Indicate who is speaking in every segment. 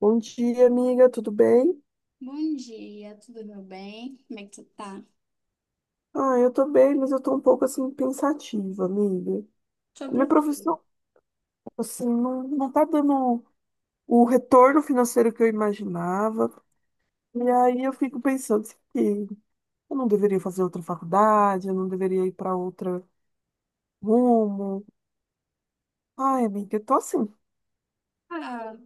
Speaker 1: Bom dia, amiga, tudo bem?
Speaker 2: Bom dia, tudo meu bem? Como é que tu tá?
Speaker 1: Eu tô bem, mas eu tô um pouco assim pensativa, amiga.
Speaker 2: Sobre
Speaker 1: Minha
Speaker 2: o quê?
Speaker 1: profissão, assim, não tá dando o retorno financeiro que eu imaginava. E aí eu fico pensando assim, que eu não deveria fazer outra faculdade, eu não deveria ir para outra rumo. Ai, amiga, eu tô assim.
Speaker 2: Ah,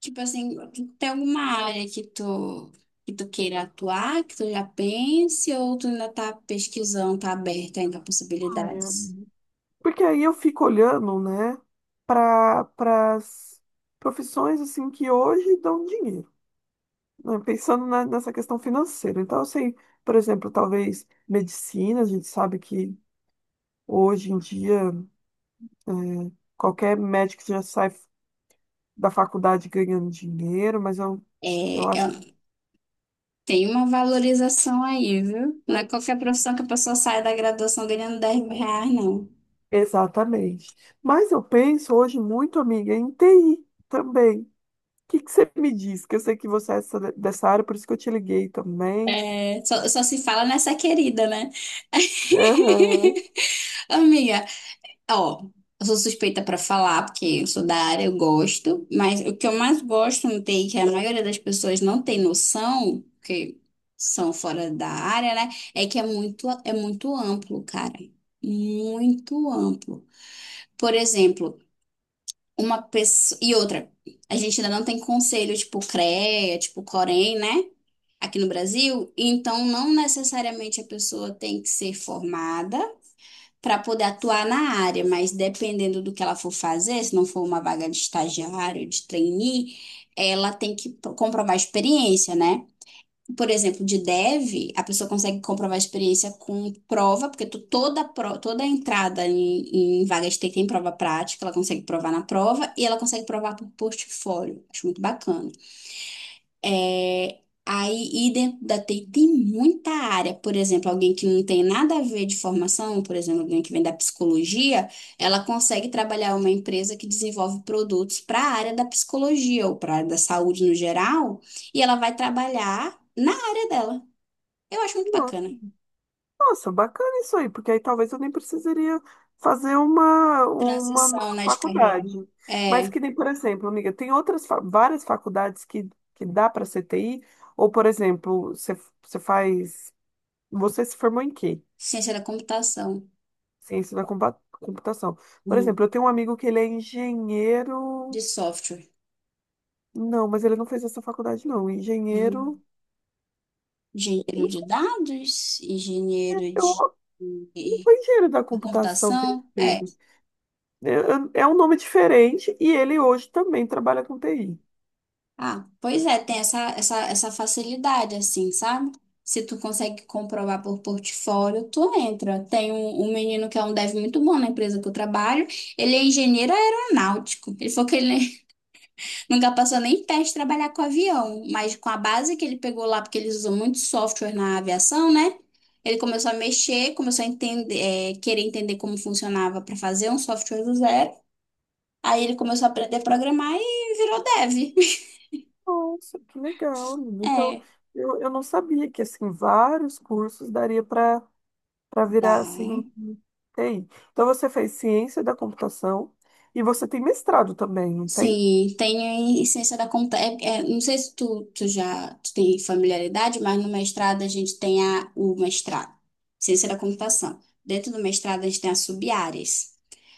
Speaker 2: tipo assim, tem alguma área que tu queira atuar, que tu já pense, ou tu ainda tá pesquisando, tá aberta ainda a possibilidades?
Speaker 1: ai, Porque aí eu fico olhando, né, para as profissões assim que hoje dão dinheiro, né. Pensando nessa questão financeira. Então, assim, por exemplo, talvez medicina, a gente sabe que hoje em dia é, qualquer médico já sai da faculdade ganhando dinheiro, mas eu,
Speaker 2: É,
Speaker 1: eu acho que.
Speaker 2: tem uma valorização aí, viu? Não é qualquer profissão que a pessoa sai da graduação ganhando 10 mil reais, não.
Speaker 1: Exatamente. Mas eu penso hoje muito, amiga, em TI também. O que que você me diz? Que eu sei que você é dessa área, por isso que eu te liguei também.
Speaker 2: É, só se fala nessa, querida, né?
Speaker 1: Aham.
Speaker 2: Amiga, ó, eu sou suspeita pra falar, porque eu sou da área, eu gosto, mas o que eu mais gosto no TI, que a maioria das pessoas não tem noção, porque são fora da área, né? É que é muito amplo, cara. Muito amplo. Por exemplo, uma pessoa. E outra, a gente ainda não tem conselho tipo CREA, tipo Corém, né? Aqui no Brasil, então não necessariamente a pessoa tem que ser formada para poder atuar na área, mas dependendo do que ela for fazer, se não for uma vaga de estagiário, de trainee, ela tem que comprovar experiência, né? Por exemplo, de dev, a pessoa consegue comprovar experiência com prova, porque toda entrada em vaga de TI tem prova prática, ela consegue provar na prova e ela consegue provar por portfólio. Acho muito bacana. É, aí, e dentro da TI tem muita área. Por exemplo, alguém que não tem nada a ver de formação, por exemplo, alguém que vem da psicologia, ela consegue trabalhar em uma empresa que desenvolve produtos para a área da psicologia ou para a área da saúde no geral, e ela vai trabalhar na área dela. Eu acho muito bacana.
Speaker 1: Nossa, bacana isso aí, porque aí talvez eu nem precisaria fazer uma
Speaker 2: Transição,
Speaker 1: nova
Speaker 2: né, de carreira.
Speaker 1: faculdade. Mas
Speaker 2: É,
Speaker 1: que nem, por exemplo, amiga, tem outras várias faculdades que dá para ser TI, ou, por exemplo, você faz. Você se formou em quê?
Speaker 2: ciência da computação.
Speaker 1: Ciência da computação. Por
Speaker 2: Uhum,
Speaker 1: exemplo, eu tenho um amigo que ele é
Speaker 2: de
Speaker 1: engenheiro.
Speaker 2: software.
Speaker 1: Não, mas ele não fez essa faculdade, não. Engenheiro.
Speaker 2: Uhum. Engenheiro
Speaker 1: Não
Speaker 2: de
Speaker 1: foi,
Speaker 2: dados, engenheiro
Speaker 1: eu,
Speaker 2: de...
Speaker 1: não foi engenheiro da
Speaker 2: A
Speaker 1: computação que ele
Speaker 2: computação?
Speaker 1: fez.
Speaker 2: É.
Speaker 1: É, é um nome diferente e ele hoje também trabalha com TI.
Speaker 2: Ah, pois é, tem essa facilidade, assim, sabe? Se tu consegue comprovar por portfólio, tu entra. Tem um menino que é um dev muito bom na empresa que eu trabalho. Ele é engenheiro aeronáutico. Ele falou que ele nunca passou nem perto de trabalhar com avião, mas com a base que ele pegou lá, porque eles usam muito software na aviação, né? Ele começou a mexer, começou a entender, é, querer entender como funcionava para fazer um software do zero. Aí ele começou a aprender a programar e virou dev.
Speaker 1: Nossa, que legal, amiga. Então,
Speaker 2: É,
Speaker 1: eu não sabia que assim vários cursos daria para
Speaker 2: dá.
Speaker 1: virar assim TI. Então você fez ciência da computação e você tem mestrado também, não tem?
Speaker 2: Sim, tem a essência da conta. Não sei se tu tem familiaridade, mas no mestrado a gente tem o mestrado, ciência da computação. Dentro do mestrado a gente tem as sub-áreas.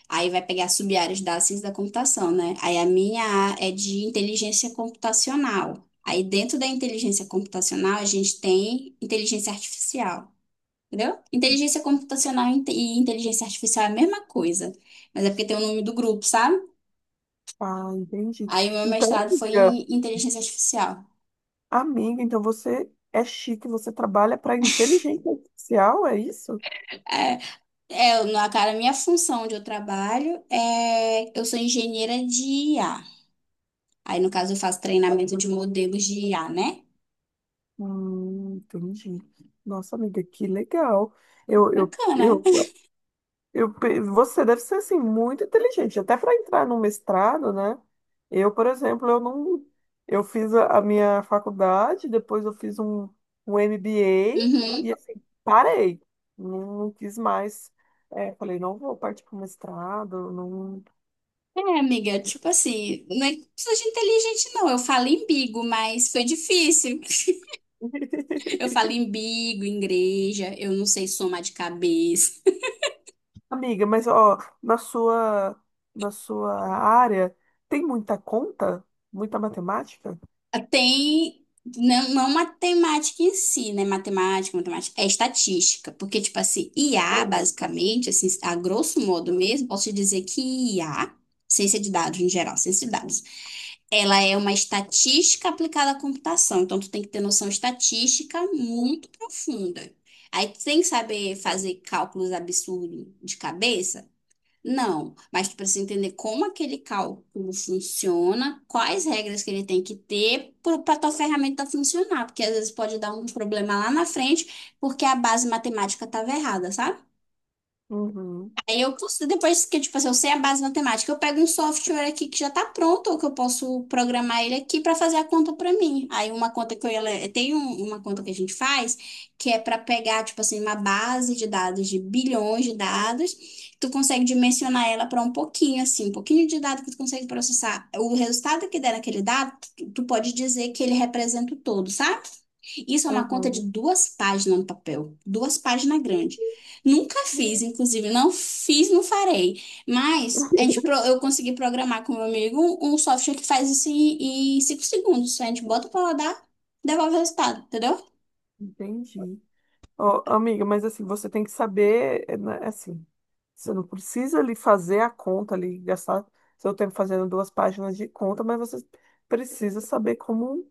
Speaker 2: Aí vai pegar as sub-áreas da ciência da computação, né? Aí a minha é de inteligência computacional. Aí dentro da inteligência computacional a gente tem inteligência artificial. Entendeu? Inteligência computacional e inteligência artificial é a mesma coisa, mas é porque tem o nome do grupo, sabe?
Speaker 1: Ah, entendi.
Speaker 2: Aí o meu
Speaker 1: Então,
Speaker 2: mestrado foi em inteligência artificial.
Speaker 1: amiga, então você é chique, você trabalha para inteligência artificial, é isso?
Speaker 2: É, Na cara, a minha função onde eu trabalho é, eu sou engenheira de IA. Aí, no caso, eu faço treinamento de modelos de IA, né?
Speaker 1: Entendi. Nossa, amiga, que legal. Eu, eu,
Speaker 2: Bacana.
Speaker 1: eu você deve ser assim muito inteligente, até para entrar no mestrado, né? Eu, por exemplo, eu não, eu fiz a minha faculdade, depois eu fiz um MBA
Speaker 2: Uhum.
Speaker 1: e assim parei, não quis mais. É, falei, não vou partir para o mestrado, não.
Speaker 2: É, amiga, tipo assim, não é que precisa de inteligente, não. Eu falo embigo, mas foi difícil. Eu falo embigo, igreja, eu não sei somar de cabeça.
Speaker 1: Amiga, mas ó, na sua área tem muita conta, muita matemática?
Speaker 2: Tem, não, não matemática em si, né? Matemática, matemática, é estatística. Porque, tipo assim, IA, basicamente, assim, a grosso modo mesmo, posso te dizer que IA, ciência de dados em geral, ciência de dados, ela é uma estatística aplicada à computação. Então, tu tem que ter noção estatística muito profunda. Aí, tu tem que saber fazer cálculos absurdos de cabeça, não, mas tu precisa entender como aquele cálculo funciona, quais regras que ele tem que ter para tua ferramenta funcionar, porque às vezes pode dar um problema lá na frente, porque a base matemática estava errada, sabe?
Speaker 1: Uhum,
Speaker 2: Aí eu consigo, depois que, tipo assim, eu sei a base matemática, eu pego um software aqui que já tá pronto, ou que eu posso programar ele aqui para fazer a conta para mim. Aí uma conta que eu ia tem uma conta que a gente faz, que é para pegar, tipo assim, uma base de dados de bilhões de dados, tu consegue dimensionar ela para um pouquinho assim, um pouquinho de dado que tu consegue processar. O resultado que der naquele dado, tu, tu pode dizer que ele representa o todo, sabe? Isso é uma conta de
Speaker 1: uhum.
Speaker 2: duas páginas no papel, duas páginas grandes. Nunca fiz, inclusive, não fiz, não farei. Mas a gente, eu consegui programar com meu amigo um software que faz isso em 5 segundos. A gente bota pra rodar, devolve o resultado, entendeu?
Speaker 1: Entendi. Ó, amiga, mas assim, você tem que saber, né, assim, você não precisa ali fazer a conta ali, gastar seu tempo fazendo duas páginas de conta, mas você precisa saber como,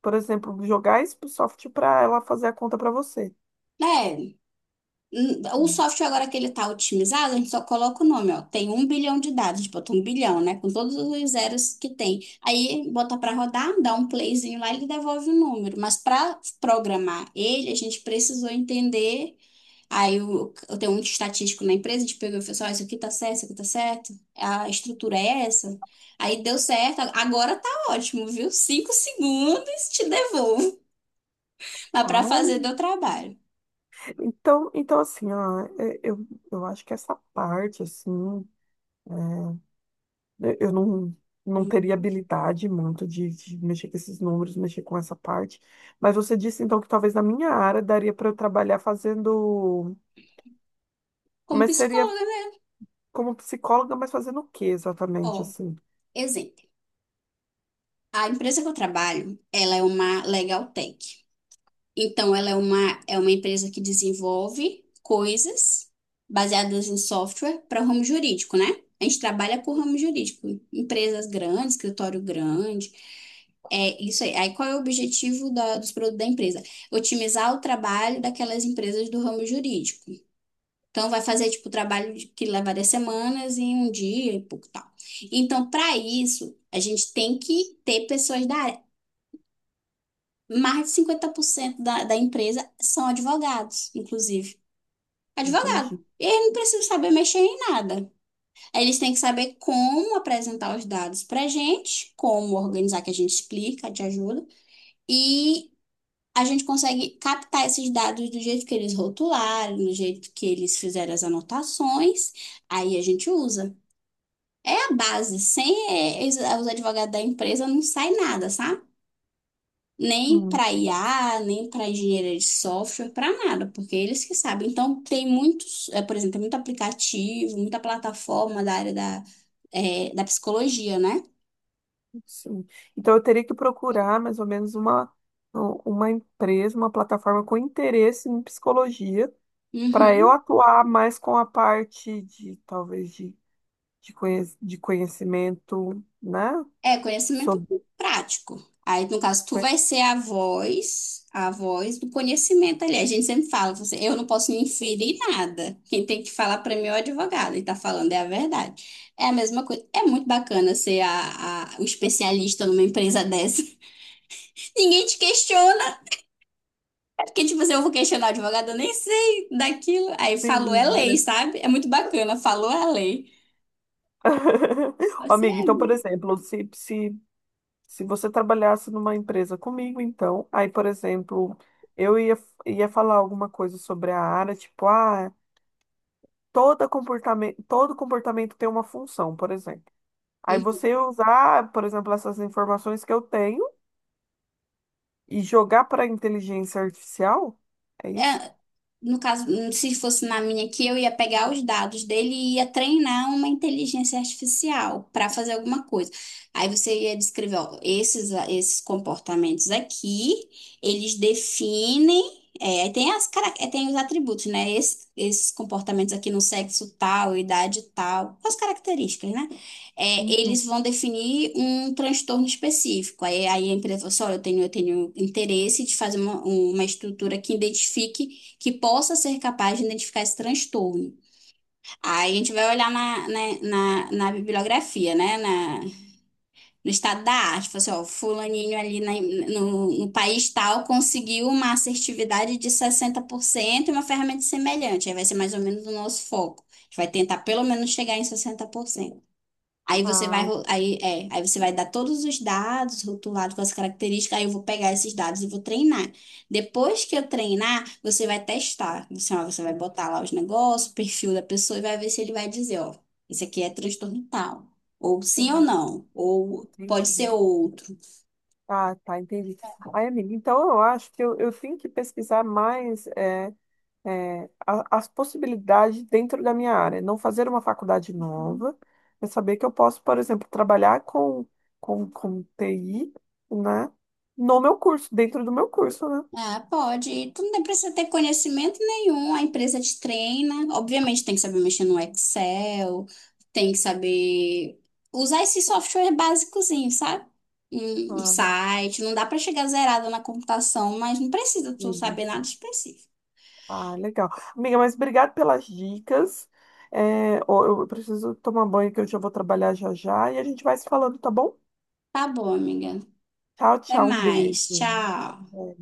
Speaker 1: por exemplo, jogar isso pro software para ela fazer a conta para você.
Speaker 2: É, o software agora que ele tá otimizado, a gente só coloca o nome, ó. Tem um bilhão de dados, a gente bota um bilhão, né? Com todos os zeros que tem. Aí bota pra rodar, dá um playzinho lá, ele devolve o número. Mas pra programar ele, a gente precisou entender. Aí eu tenho um estatístico na empresa, a gente pegou e falou assim, ó, isso aqui tá certo, isso aqui tá certo, a estrutura é essa. Aí deu certo, agora tá ótimo, viu? 5 segundos, te devolvo. Mas pra
Speaker 1: Ah,
Speaker 2: fazer deu trabalho.
Speaker 1: então assim, ó, eu acho que essa parte, assim, eu não, não teria
Speaker 2: Uhum.
Speaker 1: habilidade muito de mexer com esses números, mexer com essa parte. Mas você disse, então, que talvez na minha área daria para eu trabalhar fazendo.
Speaker 2: Como
Speaker 1: Mas seria
Speaker 2: psicóloga, né?
Speaker 1: como psicóloga, mas fazendo o que exatamente,
Speaker 2: Ó,
Speaker 1: assim?
Speaker 2: exemplo. A empresa que eu trabalho, ela é uma legal tech. Então, ela é é uma empresa que desenvolve coisas baseadas em software para o ramo jurídico, né? A gente trabalha com o ramo jurídico, empresas grandes, escritório grande. É isso aí. Aí, qual é o objetivo dos produtos da empresa? Otimizar o trabalho daquelas empresas do ramo jurídico. Então, vai fazer, tipo, o trabalho que levaria semanas em um dia e pouco tal. Então, para isso, a gente tem que ter pessoas da área. Mais de 50% da empresa são advogados, inclusive. Advogado.
Speaker 1: Entendi.
Speaker 2: E eles não precisam saber mexer em nada. Eles têm que saber como apresentar os dados para gente, como organizar, que a gente explica, te ajuda. E a gente consegue captar esses dados do jeito que eles rotularam, do jeito que eles fizeram as anotações. Aí a gente usa. É a base. Sem eh, Os advogados da empresa não sai nada, sabe? Nem
Speaker 1: Hum,
Speaker 2: para IA, nem para engenharia de software, para nada, porque eles que sabem. Então, tem muitos, por exemplo, tem muito aplicativo, muita plataforma da área da psicologia, né?
Speaker 1: sim. Então eu teria que procurar mais ou menos uma empresa, uma plataforma com interesse em psicologia, para eu
Speaker 2: Uhum.
Speaker 1: atuar mais com a parte de, talvez, de conhecimento, né?
Speaker 2: É conhecimento
Speaker 1: Sobre
Speaker 2: prático. Aí, no caso, tu vai ser a voz do conhecimento ali. A gente sempre fala, você, eu não posso me inferir nada. Quem tem que falar para mim é o advogado, e tá falando é a verdade. É a mesma coisa. É muito bacana ser o especialista numa empresa dessa. Ninguém te questiona. É. Porque, tipo, se eu vou questionar o advogado, eu nem sei daquilo. Aí falou é lei,
Speaker 1: conhecimento.
Speaker 2: sabe? É muito bacana. Falou é lei. Você
Speaker 1: Amiga,
Speaker 2: é.
Speaker 1: então, por exemplo, se você trabalhasse numa empresa comigo, então, aí, por exemplo, eu ia, ia falar alguma coisa sobre a área, tipo, ah, todo comportamento tem uma função, por exemplo. Aí
Speaker 2: Uhum.
Speaker 1: você ia usar, por exemplo, essas informações que eu tenho e jogar para a inteligência artificial? É isso?
Speaker 2: É, no caso, se fosse na minha aqui, eu ia pegar os dados dele e ia treinar uma inteligência artificial para fazer alguma coisa. Aí você ia descrever, ó, esses comportamentos aqui, eles definem, é, aí tem as, cara- é, tem os atributos, né? Esses comportamentos aqui no sexo tal, idade tal, as características, né? É,
Speaker 1: Uhum.
Speaker 2: eles vão definir um transtorno específico. Aí, aí a empresa fala assim, olha, eu tenho interesse de fazer uma estrutura que identifique, que possa ser capaz de identificar esse transtorno. Aí a gente vai olhar na bibliografia, né? No estado da arte, fala assim, ó, fulaninho ali no país tal conseguiu uma assertividade de 60% e uma ferramenta semelhante. Aí vai ser mais ou menos o nosso foco. A gente vai tentar pelo menos chegar em 60%. Aí você vai,
Speaker 1: Ah,
Speaker 2: aí você vai dar todos os dados rotulados com as características, aí eu vou pegar esses dados e vou treinar. Depois que eu treinar, você vai testar. Você, ó, você vai botar lá os negócios, o perfil da pessoa e vai ver se ele vai dizer, ó, isso aqui é transtorno tal. Ou sim ou
Speaker 1: tá,
Speaker 2: não. Ou pode ser
Speaker 1: entendi.
Speaker 2: outro.
Speaker 1: Ah, tá, entendi. Ai, amiga, então eu acho que eu tenho que pesquisar mais. As possibilidades dentro da minha área. Não fazer uma faculdade nova, mas saber que eu posso, por exemplo, trabalhar com TI, né? No meu curso, dentro do meu curso, né?
Speaker 2: Ah, pode. E tu não precisa ter conhecimento nenhum, a empresa te treina. Obviamente, tem que saber mexer no Excel, tem que saber usar esse software básicozinho, sabe? Um
Speaker 1: Ah,
Speaker 2: site, não dá pra chegar zerada na computação, mas não precisa tu saber nada
Speaker 1: isso.
Speaker 2: específico.
Speaker 1: Ah, legal. Amiga, mas obrigado pelas dicas. É, ó, eu preciso tomar banho que eu já vou trabalhar já já e a gente vai se falando, tá bom?
Speaker 2: Tá bom, amiga.
Speaker 1: Tchau,
Speaker 2: Até
Speaker 1: tchau, um
Speaker 2: mais.
Speaker 1: beijo.
Speaker 2: Tchau.
Speaker 1: É.